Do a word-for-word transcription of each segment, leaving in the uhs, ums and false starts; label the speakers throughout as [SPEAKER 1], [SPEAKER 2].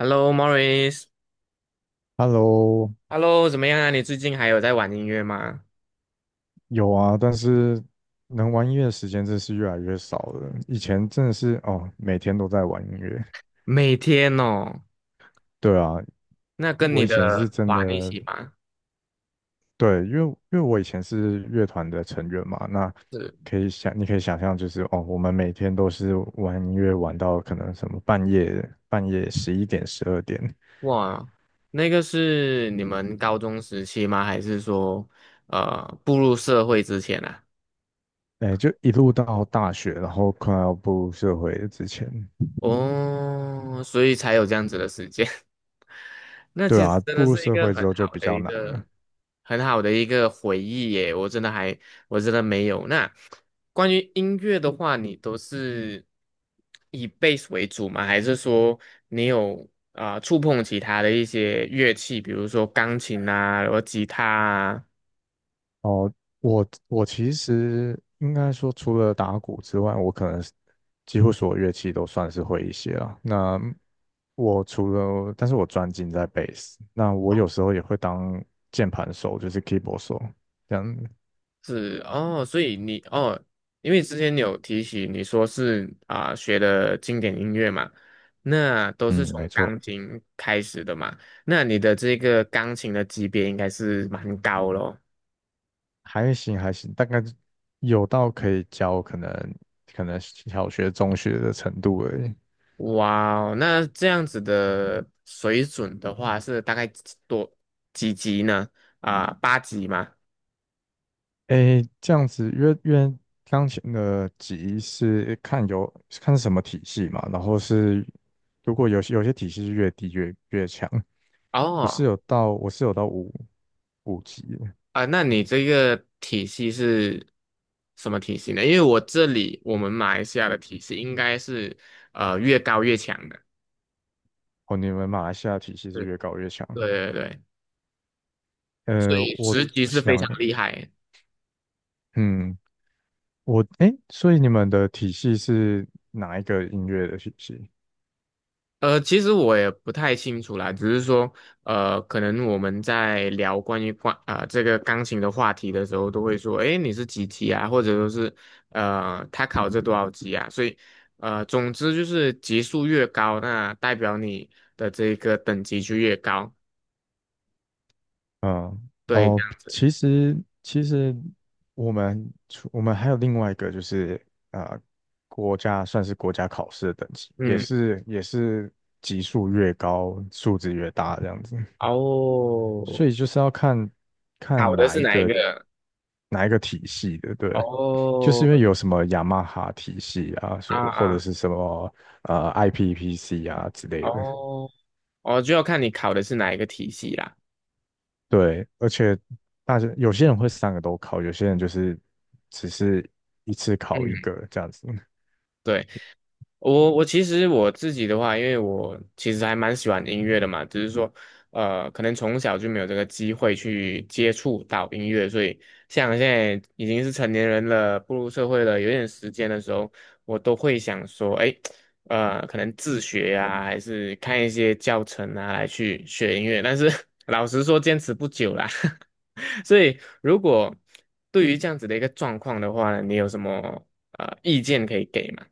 [SPEAKER 1] Hello，Morris。
[SPEAKER 2] Hello，
[SPEAKER 1] Hello，怎么样啊？你最近还有在玩音乐吗？
[SPEAKER 2] 有啊，但是能玩音乐的时间真是越来越少了。以前真的是哦，每天都在玩音乐。
[SPEAKER 1] 每天哦，
[SPEAKER 2] 对啊，
[SPEAKER 1] 那跟
[SPEAKER 2] 我
[SPEAKER 1] 你
[SPEAKER 2] 以前是
[SPEAKER 1] 的
[SPEAKER 2] 真的，
[SPEAKER 1] 玩一起吗？
[SPEAKER 2] 对，因为因为我以前是乐团的成员嘛，那
[SPEAKER 1] 是。
[SPEAKER 2] 可以想，你可以想象，就是哦，我们每天都是玩音乐，玩到可能什么半夜半夜十一点、十二点。
[SPEAKER 1] 哇，那个是你们高中时期吗？还是说，呃，步入社会之前啊？
[SPEAKER 2] 哎，就一路到大学，然后快要步入社会之前。
[SPEAKER 1] 哦，所以才有这样子的时间。那
[SPEAKER 2] 对
[SPEAKER 1] 其实
[SPEAKER 2] 啊，
[SPEAKER 1] 真
[SPEAKER 2] 步
[SPEAKER 1] 的
[SPEAKER 2] 入
[SPEAKER 1] 是一
[SPEAKER 2] 社
[SPEAKER 1] 个
[SPEAKER 2] 会之
[SPEAKER 1] 很
[SPEAKER 2] 后就
[SPEAKER 1] 好
[SPEAKER 2] 比
[SPEAKER 1] 的
[SPEAKER 2] 较
[SPEAKER 1] 一
[SPEAKER 2] 难
[SPEAKER 1] 个
[SPEAKER 2] 了。
[SPEAKER 1] 很好的一个回忆耶，我真的还我真的没有。那关于音乐的话，你都是以 B A S S 为主吗？还是说你有啊、触碰其他的一些乐器，比如说钢琴啊，然后吉他
[SPEAKER 2] 我我其实应该说，除了打鼓之外，我可能是几乎所有乐器都算是会一些了。那我除了，但是我专精在贝斯。那我有
[SPEAKER 1] 啊？
[SPEAKER 2] 时候也会当键盘手，就是 keyboard 手，这样。
[SPEAKER 1] 是哦，所以你哦，因为之前你有提起你说是啊、学的经典音乐嘛，那都是
[SPEAKER 2] 嗯，
[SPEAKER 1] 从
[SPEAKER 2] 没错。
[SPEAKER 1] 钢琴开始的嘛，那你的这个钢琴的级别应该是蛮高咯。
[SPEAKER 2] 还行还行，大概有到可以教可能可能小学、中学的程度而已。
[SPEAKER 1] 哇哦，那这样子的水准的话是大概几多几级呢？啊、八级吗？
[SPEAKER 2] 诶，这样子，因为因为钢琴的级是看有看是什么体系嘛，然后是如果有些有些体系是越低越越强。我是
[SPEAKER 1] 哦。
[SPEAKER 2] 有到我是有到五五级的。
[SPEAKER 1] 啊，那你这个体系是什么体系呢？因为我这里我们马来西亚的体系应该是呃越高越强的，
[SPEAKER 2] 哦，你们马来西亚体系是
[SPEAKER 1] 对。
[SPEAKER 2] 越高越强。
[SPEAKER 1] 对对对，所
[SPEAKER 2] 呃，
[SPEAKER 1] 以
[SPEAKER 2] 我
[SPEAKER 1] 职级
[SPEAKER 2] 我
[SPEAKER 1] 是非
[SPEAKER 2] 想，
[SPEAKER 1] 常厉害。
[SPEAKER 2] 嗯，我诶，所以你们的体系是哪一个音乐的体系？
[SPEAKER 1] 呃，其实我也不太清楚啦，只是说呃，可能我们在聊关于关啊、呃、这个钢琴的话题的时候，都会说，诶，你是几级啊？或者说是呃，他考这多少级啊？所以呃，总之就是级数越高，那代表你的这个等级就越高。
[SPEAKER 2] 嗯，
[SPEAKER 1] 对，这
[SPEAKER 2] 哦，
[SPEAKER 1] 样。
[SPEAKER 2] 其实其实我们除我们还有另外一个就是呃，国家算是国家考试的等级，也
[SPEAKER 1] 嗯，
[SPEAKER 2] 是也是级数越高，数值越大这样子，
[SPEAKER 1] 哦，
[SPEAKER 2] 所以就是要看看
[SPEAKER 1] 考的
[SPEAKER 2] 哪
[SPEAKER 1] 是
[SPEAKER 2] 一
[SPEAKER 1] 哪一
[SPEAKER 2] 个
[SPEAKER 1] 个？
[SPEAKER 2] 哪一个体系的。对，就是
[SPEAKER 1] 哦，
[SPEAKER 2] 因为有什么雅马哈体系啊，说
[SPEAKER 1] 啊
[SPEAKER 2] 或者
[SPEAKER 1] 啊，
[SPEAKER 2] 是什么呃 I P P C 啊之类的。
[SPEAKER 1] 哦，哦，就要看你考的是哪一个体系啦。
[SPEAKER 2] 对，而且大家有些人会三个都考，有些人就是只是一次考一
[SPEAKER 1] 嗯，
[SPEAKER 2] 个这样子。
[SPEAKER 1] 对。我我其实我自己的话，因为我其实还蛮喜欢音乐的嘛，只是说，呃，可能从小就没有这个机会去接触到音乐，所以像现在已经是成年人了，步入社会了，有点时间的时候，我都会想说，哎，呃，可能自学呀、还是看一些教程啊，来去学音乐。但是 老实说，坚持不久啦。所以，如果对于这样子的一个状况的话呢，你有什么呃意见可以给吗？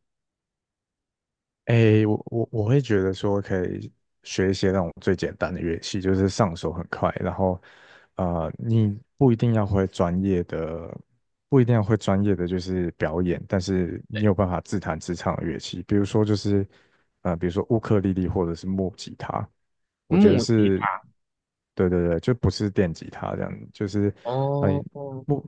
[SPEAKER 2] 诶，我我我会觉得说可以学一些那种最简单的乐器，就是上手很快。然后呃，你不一定要会专业的，不一定要会专业的就是表演，但是你
[SPEAKER 1] 对。
[SPEAKER 2] 有办法自弹自唱的乐器。比如说就是呃，比如说乌克丽丽或者是木吉他，我觉得
[SPEAKER 1] 木吉
[SPEAKER 2] 是。
[SPEAKER 1] 他
[SPEAKER 2] 对对对，就不是电吉他这样，就是呃
[SPEAKER 1] 哦，哦。
[SPEAKER 2] 木。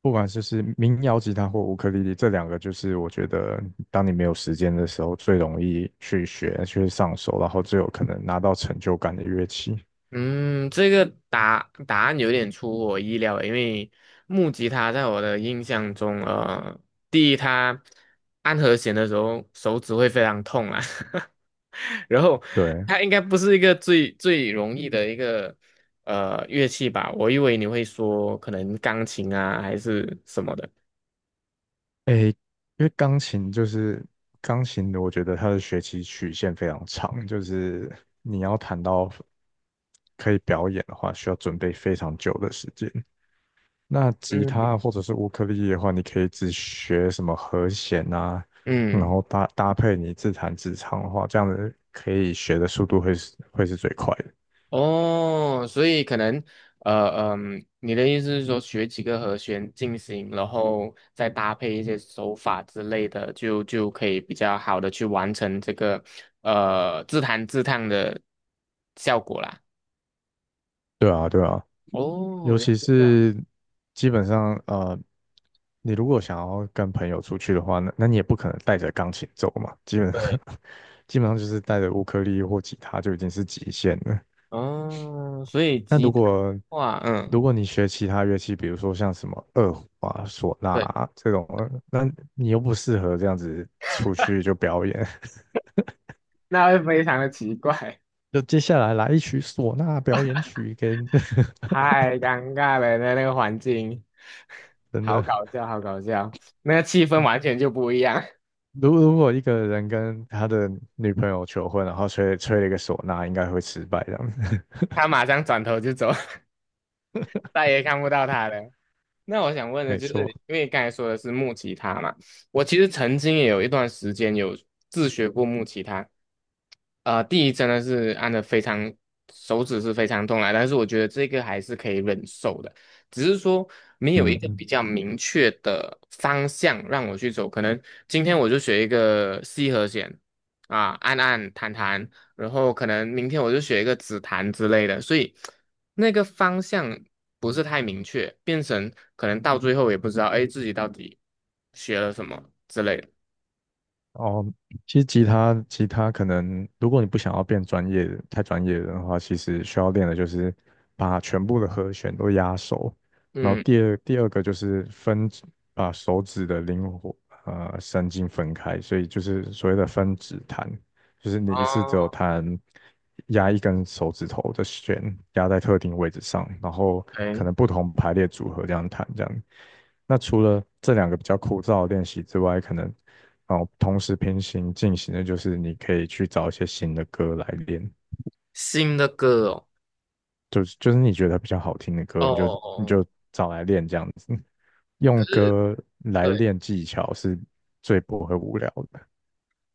[SPEAKER 2] 不管就是民谣吉他或乌克丽丽，这两个就是我觉得，当你没有时间的时候，最容易去学、去上手，然后最有可能拿到成就感的乐器。
[SPEAKER 1] 嗯，这个答答案有点出乎我意料诶，因为木吉他在我的印象中，呃，第一，它按和弦的时候手指会非常痛啊，然后
[SPEAKER 2] 对。
[SPEAKER 1] 它应该不是一个最最容易的一个呃乐器吧？我以为你会说可能钢琴啊还是什么的，
[SPEAKER 2] 诶，因为钢琴就是钢琴，我觉得它的学习曲线非常长，就是你要弹到可以表演的话，需要准备非常久的时间。那吉
[SPEAKER 1] 嗯。
[SPEAKER 2] 他或者是乌克丽丽的话，你可以只学什么和弦啊，然
[SPEAKER 1] 嗯。
[SPEAKER 2] 后搭搭配你自弹自唱的话，这样子可以学的速度会是会是最快的。
[SPEAKER 1] 哦，所以可能，呃嗯，你的意思是说学几个和弦进行，然后再搭配一些手法之类的，就就可以比较好的去完成这个呃自弹自唱的效果啦。
[SPEAKER 2] 对啊，对啊，
[SPEAKER 1] 哦，
[SPEAKER 2] 尤
[SPEAKER 1] 原来
[SPEAKER 2] 其
[SPEAKER 1] 是这样。
[SPEAKER 2] 是基本上呃，你如果想要跟朋友出去的话，那那你也不可能带着钢琴走嘛。基本上
[SPEAKER 1] 对，
[SPEAKER 2] 基本上就是带着乌克丽丽或吉他就已经是极限了。
[SPEAKER 1] 哦，所以
[SPEAKER 2] 那
[SPEAKER 1] 吉
[SPEAKER 2] 如
[SPEAKER 1] 他的
[SPEAKER 2] 果
[SPEAKER 1] 话嗯，
[SPEAKER 2] 如果你学其他乐器，比如说像什么二胡啊、唢呐
[SPEAKER 1] 对，
[SPEAKER 2] 啊这种，那你又不适合这样子出去 就表演。
[SPEAKER 1] 那会非常的奇怪，
[SPEAKER 2] 就接下来来一曲唢呐表演曲给你。
[SPEAKER 1] 太尴尬了，那那个环境，
[SPEAKER 2] 真
[SPEAKER 1] 好搞
[SPEAKER 2] 的。
[SPEAKER 1] 笑，好搞笑，那个气氛完全就不一样。
[SPEAKER 2] 如如果一个人跟他的女朋友求婚，然后吹吹了一个唢呐，应该会失败这样子。
[SPEAKER 1] 他马上转头就走，再也看不到他了。那我想 问的
[SPEAKER 2] 没
[SPEAKER 1] 就是，
[SPEAKER 2] 错。
[SPEAKER 1] 因为刚才说的是木吉他嘛，我其实曾经也有一段时间有自学过木吉他，呃，第一真的是按的非常手指是非常痛来，但是我觉得这个还是可以忍受的，只是说没有一个
[SPEAKER 2] 嗯，
[SPEAKER 1] 比较明确的方向让我去走，可能今天我就学一个 C 和弦啊，按按弹弹，然后可能明天我就学一个紫檀之类的，所以那个方向不是太明确，变成可能到最后也不知道，哎，自己到底学了什么之类的。
[SPEAKER 2] 哦，其实吉他吉他可能，如果你不想要变专业的太专业的话，其实需要练的就是把全部的和弦都压熟。然后
[SPEAKER 1] 嗯，
[SPEAKER 2] 第二第二个就是分指，把手指的灵活呃神经分开，所以就是所谓的分指弹，就是你一次只有
[SPEAKER 1] 哦，
[SPEAKER 2] 弹压一根手指头的弦压在特定位置上，然后可
[SPEAKER 1] 哎，
[SPEAKER 2] 能不同排列组合这样弹这样。那除了这两个比较枯燥的练习之外，可能哦，同时平行进行的就是你可以去找一些新的歌来练，
[SPEAKER 1] 新的歌哦，
[SPEAKER 2] 就是就是你觉得比较好听的
[SPEAKER 1] 哦
[SPEAKER 2] 歌，你就
[SPEAKER 1] 哦
[SPEAKER 2] 你
[SPEAKER 1] 哦，
[SPEAKER 2] 就找来练这样子。用歌来
[SPEAKER 1] 对，
[SPEAKER 2] 练技巧是最不会无聊的。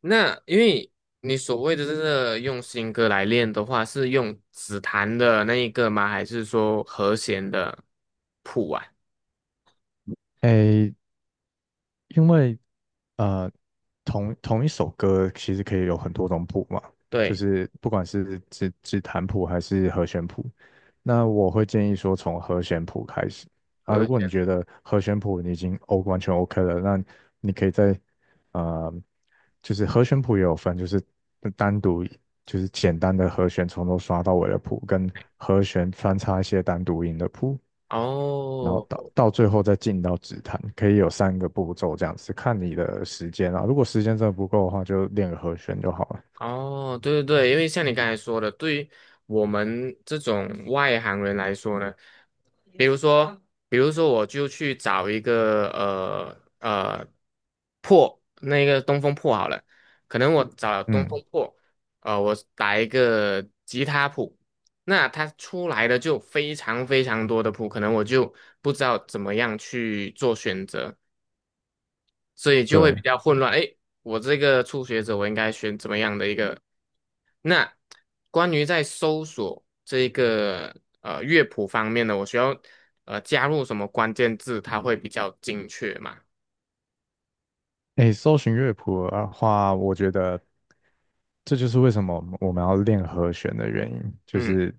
[SPEAKER 1] 那因为你所谓的这个用新歌来练的话，是用指檀的那一个吗？还是说和弦的谱啊？
[SPEAKER 2] 诶，因为呃，同同一首歌其实可以有很多种谱嘛，就
[SPEAKER 1] 对，
[SPEAKER 2] 是不管是指指弹谱还是和弦谱。那我会建议说从和弦谱开始啊，
[SPEAKER 1] 和
[SPEAKER 2] 如果你
[SPEAKER 1] 弦。
[SPEAKER 2] 觉得和弦谱你已经 O 完全 OK 了，那你可以在呃，就是和弦谱也有分，就是单独就是简单的和弦从头刷到尾的谱，跟和弦穿插一些单独音的谱。然后
[SPEAKER 1] 哦，
[SPEAKER 2] 到到最后再进到指弹，可以有三个步骤这样子，看你的时间啊。如果时间真的不够的话，就练个和弦就好了。
[SPEAKER 1] 哦，对对对，因为像你刚才说的，对于我们这种外行人来说呢，比如说，比如说，我就去找一个呃呃破那个东风破好了，可能我找了东
[SPEAKER 2] 嗯，
[SPEAKER 1] 风破，呃，我打一个吉他谱，那它出来的就非常非常多的谱，可能我就不知道怎么样去做选择。所以就会比
[SPEAKER 2] 对。
[SPEAKER 1] 较混乱。诶，我这个初学者，我应该选怎么样的一个？那关于在搜索这一个呃乐谱方面呢，我需要呃加入什么关键字，它会比较精确嘛？
[SPEAKER 2] 诶，搜寻乐谱的话，我觉得这就是为什么我们要练和弦的原因，就
[SPEAKER 1] 嗯，
[SPEAKER 2] 是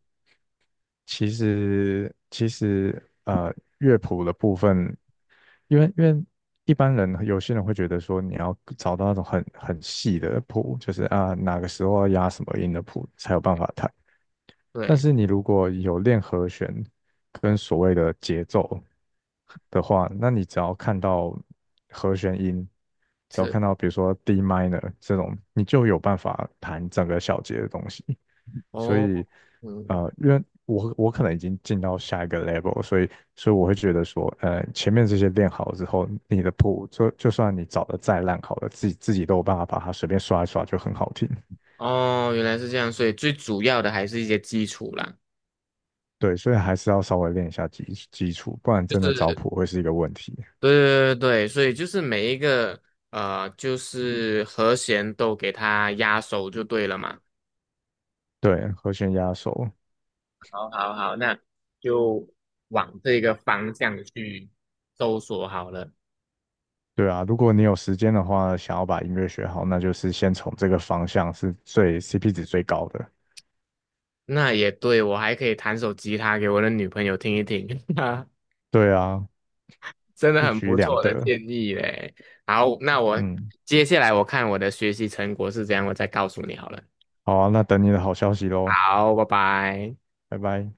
[SPEAKER 2] 其实其实呃乐谱的部分。因为因为一般人有些人会觉得说你要找到那种很很细的谱，就是啊哪个时候要压什么音的谱才有办法弹。但
[SPEAKER 1] 对，
[SPEAKER 2] 是你如果有练和弦跟所谓的节奏的话，那你只要看到和弦音，只要
[SPEAKER 1] 是
[SPEAKER 2] 看到比如说 D minor 这种，你就有办法弹整个小节的东西。所
[SPEAKER 1] 哦，
[SPEAKER 2] 以，
[SPEAKER 1] 嗯，
[SPEAKER 2] 呃，因为我我可能已经进到下一个 level，所以所以我会觉得说，呃，前面这些练好之后，你的谱就就算你找的再烂好了，自己自己都有办法把它随便刷一刷就很好听。
[SPEAKER 1] 哦，原来是这样，所以最主要的还是一些基础啦。
[SPEAKER 2] 对，所以还是要稍微练一下基基础，不然真的
[SPEAKER 1] 就
[SPEAKER 2] 找
[SPEAKER 1] 是
[SPEAKER 2] 谱会是一个问题。
[SPEAKER 1] 对对对对，所以就是每一个呃，就是和弦都给它压熟就对了嘛。
[SPEAKER 2] 对，和弦压手。
[SPEAKER 1] 好好，那就往这个方向去搜索好了。
[SPEAKER 2] 对啊，如果你有时间的话，想要把音乐学好，那就是先从这个方向是最 C P 值最高的。
[SPEAKER 1] 那也对，我还可以弹首吉他给我的女朋友听一听，哈
[SPEAKER 2] 对啊，
[SPEAKER 1] 真的
[SPEAKER 2] 一
[SPEAKER 1] 很
[SPEAKER 2] 举
[SPEAKER 1] 不
[SPEAKER 2] 两
[SPEAKER 1] 错的
[SPEAKER 2] 得。
[SPEAKER 1] 建议嘞。好，那我
[SPEAKER 2] 嗯，
[SPEAKER 1] 接下来我看我的学习成果是怎样，我再告诉你好了。
[SPEAKER 2] 好啊，那等你的好消息喽，
[SPEAKER 1] 好，拜拜。
[SPEAKER 2] 拜拜。